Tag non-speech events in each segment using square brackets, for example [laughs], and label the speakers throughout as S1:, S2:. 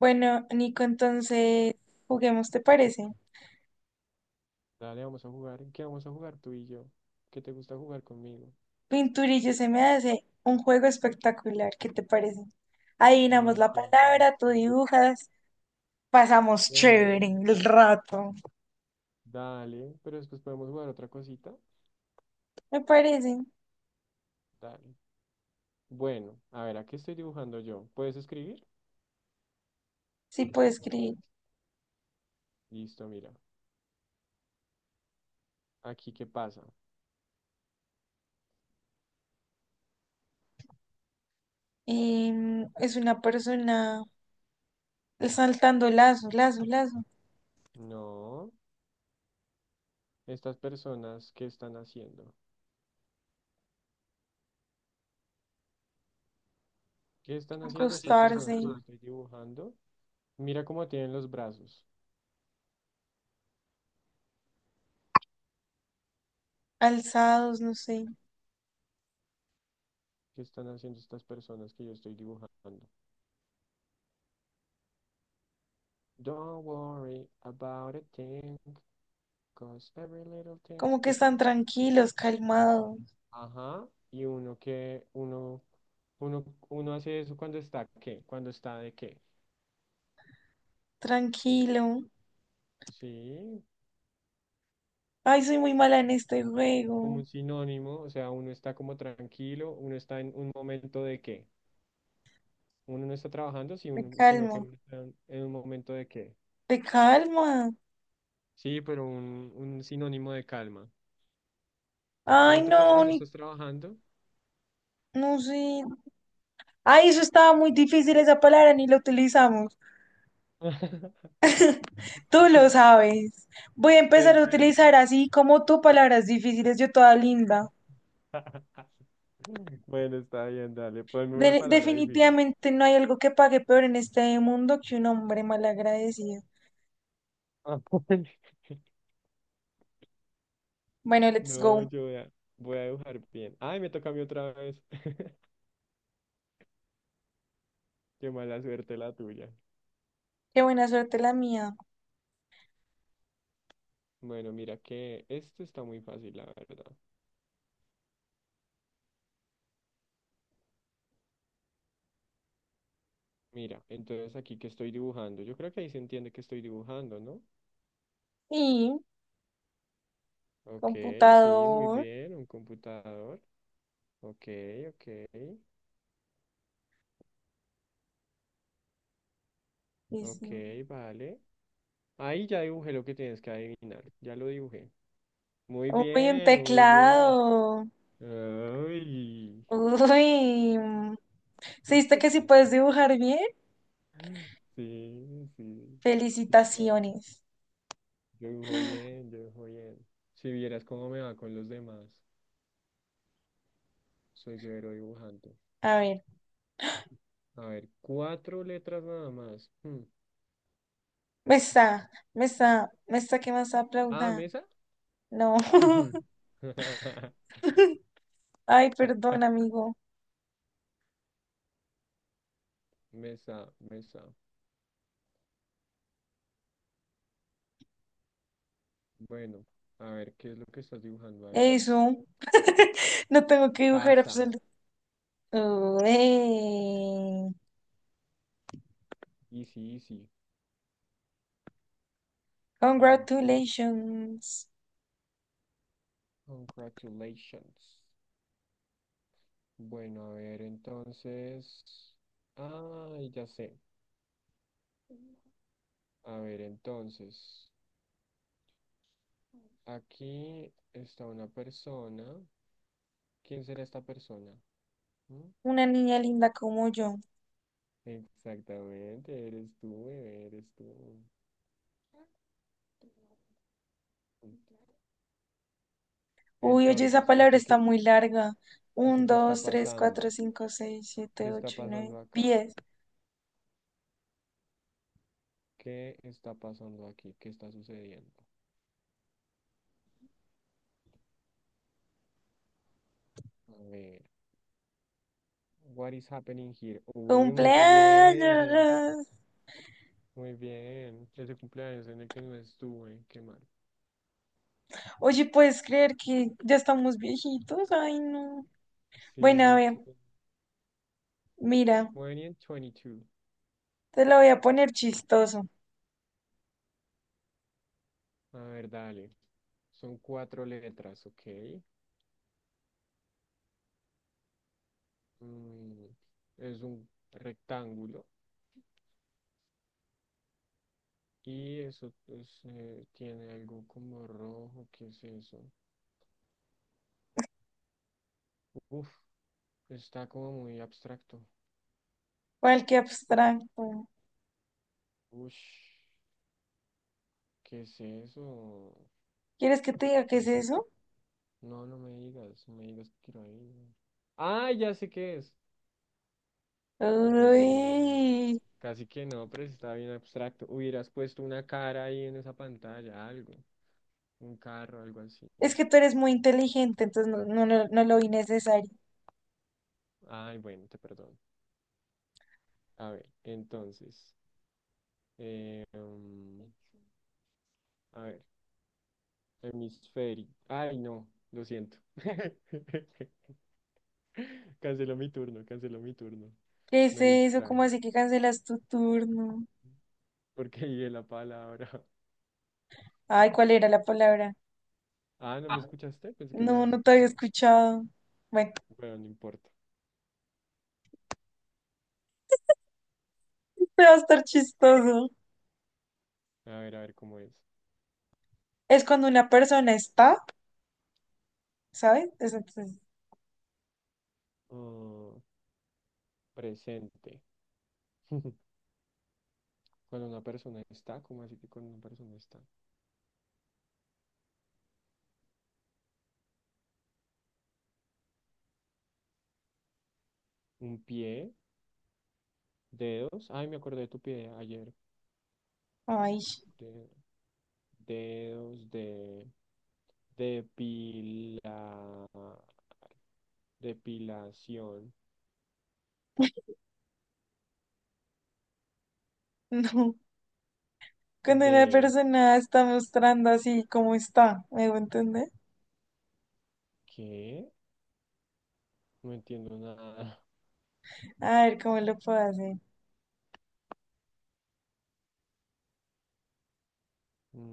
S1: Bueno, Nico, entonces juguemos, ¿te parece?
S2: Dale, vamos a jugar. ¿En qué vamos a jugar tú y yo? ¿Qué te gusta jugar conmigo?
S1: Pinturillo se me hace un juego espectacular, ¿qué te parece? Adivinamos
S2: Ay,
S1: la
S2: qué
S1: palabra, tú
S2: lástima.
S1: dibujas, pasamos
S2: Bueno,
S1: chévere el rato.
S2: dale, pero después podemos jugar otra cosita.
S1: Me parece,
S2: Dale. Bueno, a ver, ¿a qué estoy dibujando yo? ¿Puedes escribir?
S1: sí puedo escribir.
S2: Listo, mira. Aquí, ¿qué pasa?
S1: Es una persona saltando lazo, lazo, lazo,
S2: No, estas personas, ¿qué están haciendo? ¿Qué están haciendo estas
S1: acostarse,
S2: personas que yo estoy dibujando? Mira cómo tienen los brazos.
S1: alzados, no sé,
S2: ¿Qué están haciendo estas personas que yo estoy dibujando? Don't worry about a thing. Cause every little thing
S1: como que
S2: está.
S1: están tranquilos, calmados,
S2: Ajá. Y uno que, uno, uno, uno hace eso cuando está qué, cuando está de qué.
S1: tranquilo.
S2: Sí,
S1: Ay, soy muy mala en este
S2: como
S1: juego,
S2: un sinónimo, o sea, uno está como tranquilo, uno está en un momento de qué. Uno no está trabajando, si
S1: me
S2: uno- sino que
S1: calmo.
S2: uno está en un momento de qué.
S1: Te calma.
S2: Sí, pero un sinónimo de calma. O
S1: Ay,
S2: sea, tú
S1: no,
S2: cuando no
S1: ni,
S2: estás trabajando.
S1: no sé. Ay, eso estaba muy difícil esa palabra, ni la utilizamos.
S2: [laughs]
S1: Tú lo sabes. Voy a empezar
S2: Pues
S1: a
S2: sí.
S1: utilizar así como tú palabras difíciles, yo toda linda.
S2: [laughs] Bueno, está bien, dale. Ponme una
S1: De-
S2: palabra difícil.
S1: definitivamente no hay algo que pague peor en este mundo que un hombre malagradecido.
S2: [laughs]
S1: Bueno, let's
S2: No,
S1: go.
S2: voy a dibujar bien. Ay, me toca a mí otra vez. [laughs] Qué mala suerte la tuya.
S1: Qué buena suerte la mía.
S2: Bueno, mira que esto está muy fácil, la verdad. Mira, entonces aquí que estoy dibujando. Yo creo que ahí se entiende que estoy dibujando, ¿no?
S1: Y
S2: Ok, sí, muy
S1: computador.
S2: bien. Un computador. Ok, ok,
S1: Y
S2: ok,
S1: sí.
S2: vale. Ahí ya dibujé lo que tienes que adivinar. Ya lo dibujé. Muy
S1: Uy, un
S2: bien, muy bien.
S1: teclado.
S2: Ay.
S1: Uy. ¿Se diste que sí
S2: [laughs]
S1: puedes dibujar bien?
S2: Sí, sí. Sí, claro.
S1: Felicitaciones.
S2: Yo dibujo bien, yo dibujo bien. Si vieras cómo me va con los demás, soy severo dibujante.
S1: A ver,
S2: A ver, cuatro letras nada más. Hmm.
S1: me está que más
S2: Ah,
S1: aplauda.
S2: mesa.
S1: No. [laughs]
S2: [laughs]
S1: Ay, perdón, amigo.
S2: Mesa, mesa. Bueno, a ver, ¿qué es lo que estás dibujando ahí?
S1: Eso, no tengo que dibujar
S2: Casa.
S1: absolutamente.
S2: Easy, easy. Mm,
S1: Congratulations.
S2: Congratulations. Bueno, a ver, entonces. Ah, ya sé. A ver, entonces. Aquí está una persona. ¿Quién será esta persona? ¿Mm?
S1: Una niña linda como yo.
S2: Exactamente, eres tú, bebé, eres tú.
S1: Uy, oye, esa
S2: Entonces,
S1: palabra está muy larga. Un,
S2: aquí
S1: dos, tres, cuatro, cinco, seis,
S2: qué
S1: siete,
S2: está
S1: ocho, nueve,
S2: pasando acá,
S1: diez.
S2: qué está pasando aquí, qué está sucediendo. A ver, what is happening here? Uy, muy bien,
S1: ¡Cumpleaños!
S2: muy bien. Ese cumpleaños en el que no estuve, qué mal.
S1: Oye, ¿puedes creer que ya estamos viejitos? Ay, no. Bueno, a
S2: Sí,
S1: ver, mira,
S2: 20 and 22.
S1: te lo voy a poner chistoso.
S2: A ver, dale. Son cuatro letras, ¿ok? mm, es un rectángulo y eso pues, tiene algo como rojo, ¿qué es eso? Uf, está como muy abstracto.
S1: ¿Cuál que abstracto?
S2: Ush, ¿qué es eso?
S1: ¿Quieres que te diga qué
S2: ¿Qué
S1: es
S2: es?
S1: eso?
S2: No, no me digas, no me digas que quiero ir. Ah, ya sé qué es. Muy bien.
S1: Uy,
S2: Casi que no, pero sí está bien abstracto. Hubieras puesto una cara ahí en esa pantalla, algo. Un carro, algo así.
S1: es que tú eres muy inteligente, entonces no, no, no, no lo vi necesario.
S2: Ay, bueno, te perdono. A ver, entonces. Eh, um, a ver, hemisferio. Ay, no, lo siento. [laughs] Canceló mi turno, canceló mi turno.
S1: ¿Qué es
S2: Me
S1: eso? ¿Cómo
S2: distraje
S1: así que cancelas tu turno?
S2: porque dije la palabra. [laughs]
S1: Ay, ¿cuál era la palabra?
S2: Ah, ¿no me escuchaste? Pensé que me
S1: No,
S2: habías
S1: no te había
S2: escuchado.
S1: escuchado. Bueno,
S2: Bueno, no importa.
S1: [laughs] te va a estar chistoso.
S2: A ver cómo es.
S1: Es cuando una persona está, ¿sabes? Es entonces,
S2: oh Presente. [laughs] Cuando una persona está, ¿cómo así que cuando una persona está? Un pie, dedos. Ay, me acordé de tu pie ayer.
S1: ay,
S2: De, dedos de Depila, depilación
S1: [laughs] no. Cuando una
S2: de
S1: persona está mostrando así como está, ¿me voy a entender?
S2: ¿qué? No entiendo nada.
S1: A ver cómo lo puedo hacer.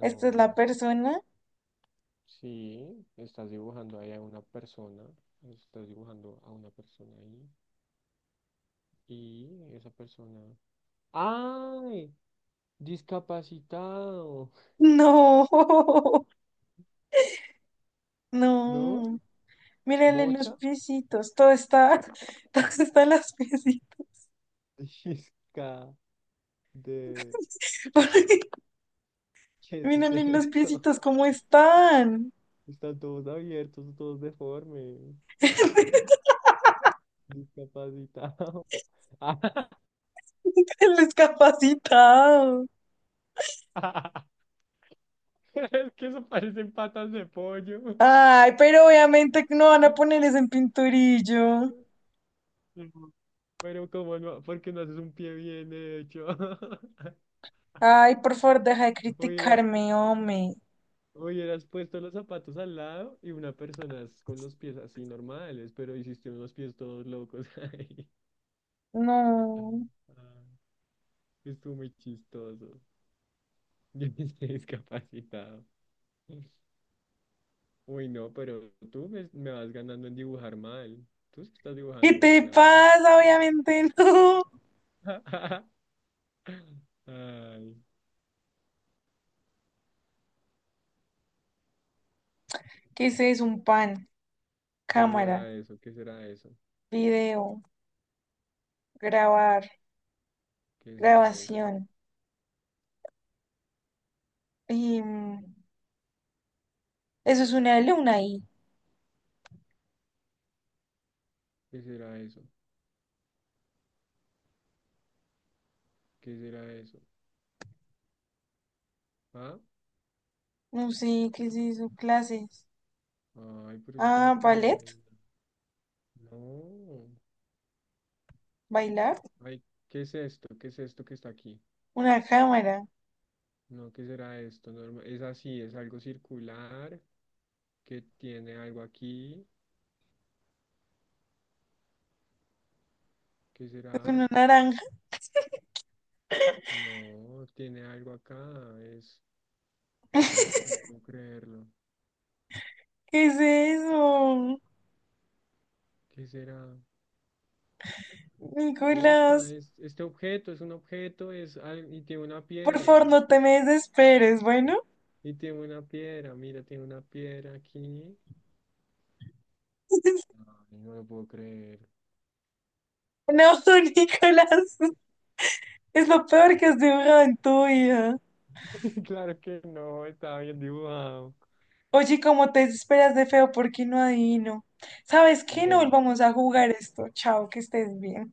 S1: ¿Esta es la persona?
S2: sí, estás dibujando ahí a una persona. Estás dibujando a una persona ahí. Y esa persona. ¡Ay! Discapacitado.
S1: No, [laughs]
S2: ¿No?
S1: no. Mírale los
S2: ¿Mocha?
S1: piecitos. Todo está, [laughs] todo está en las piecitas.
S2: [laughs] Disca de.
S1: [laughs] Porque
S2: ¿Qué es
S1: mírale los
S2: eso?
S1: piecitos cómo están.
S2: Están todos abiertos, todos deformes.
S1: [laughs]
S2: Discapacitado. [laughs] Ah,
S1: El discapacitado.
S2: [laughs] es que eso parecen patas de pollo.
S1: Ay, pero obviamente que no van a ponerles en pinturillo.
S2: No, pero como no, porque no haces un pie bien hecho. [laughs]
S1: Ay, por favor, deja de
S2: Hubieras,
S1: criticarme, hombre.
S2: hubieras puesto los zapatos al lado y una persona es con los pies así normales, pero hiciste unos pies todos locos [laughs] ahí.
S1: No.
S2: Ah, estuvo muy chistoso. Yo [laughs] estoy discapacitado. Uy, no, pero me vas ganando en dibujar mal. Tú sí estás
S1: ¿Qué
S2: dibujando
S1: te
S2: mal ahora.
S1: pasa? Obviamente [laughs] no.
S2: [laughs] Ay,
S1: ¿Qué es eso? Un pan.
S2: ¿qué
S1: Cámara,
S2: será eso? ¿Qué será eso?
S1: video, grabar,
S2: ¿Qué será eso?
S1: grabación. Y, mm, eso es una alumna ahí.
S2: ¿Qué será eso? ¿Qué será eso? ¿Ah?
S1: No sé qué es eso, clases.
S2: Ay, pero eso está muy
S1: Ah,
S2: fácil de
S1: ballet,
S2: adivinar. No.
S1: bailar,
S2: Ay, ¿qué es esto? ¿Qué es esto que está aquí?
S1: una cámara,
S2: No, ¿qué será esto? Norma- es así, es algo circular que tiene algo aquí. ¿Qué será?
S1: una naranja.
S2: No, tiene algo acá. Es. Ay, no puedo creerlo.
S1: ¿Qué es eso?
S2: ¿Qué será?
S1: Nicolás,
S2: Esta es, este objeto es un objeto, y tiene una
S1: por
S2: piedra.
S1: favor, no te me desesperes, bueno.
S2: Y tiene una piedra, mira, tiene una piedra aquí.
S1: [laughs]
S2: Ay, no lo puedo creer.
S1: No, Nicolás, es lo peor que has dibujado en tu vida.
S2: [laughs] Claro que no, estaba bien dibujado.
S1: Oye, ¿cómo te desesperas de feo? ¿Por qué no adivino? ¿Sabes qué? No
S2: Bueno.
S1: volvamos a jugar esto. Chao, que estés bien.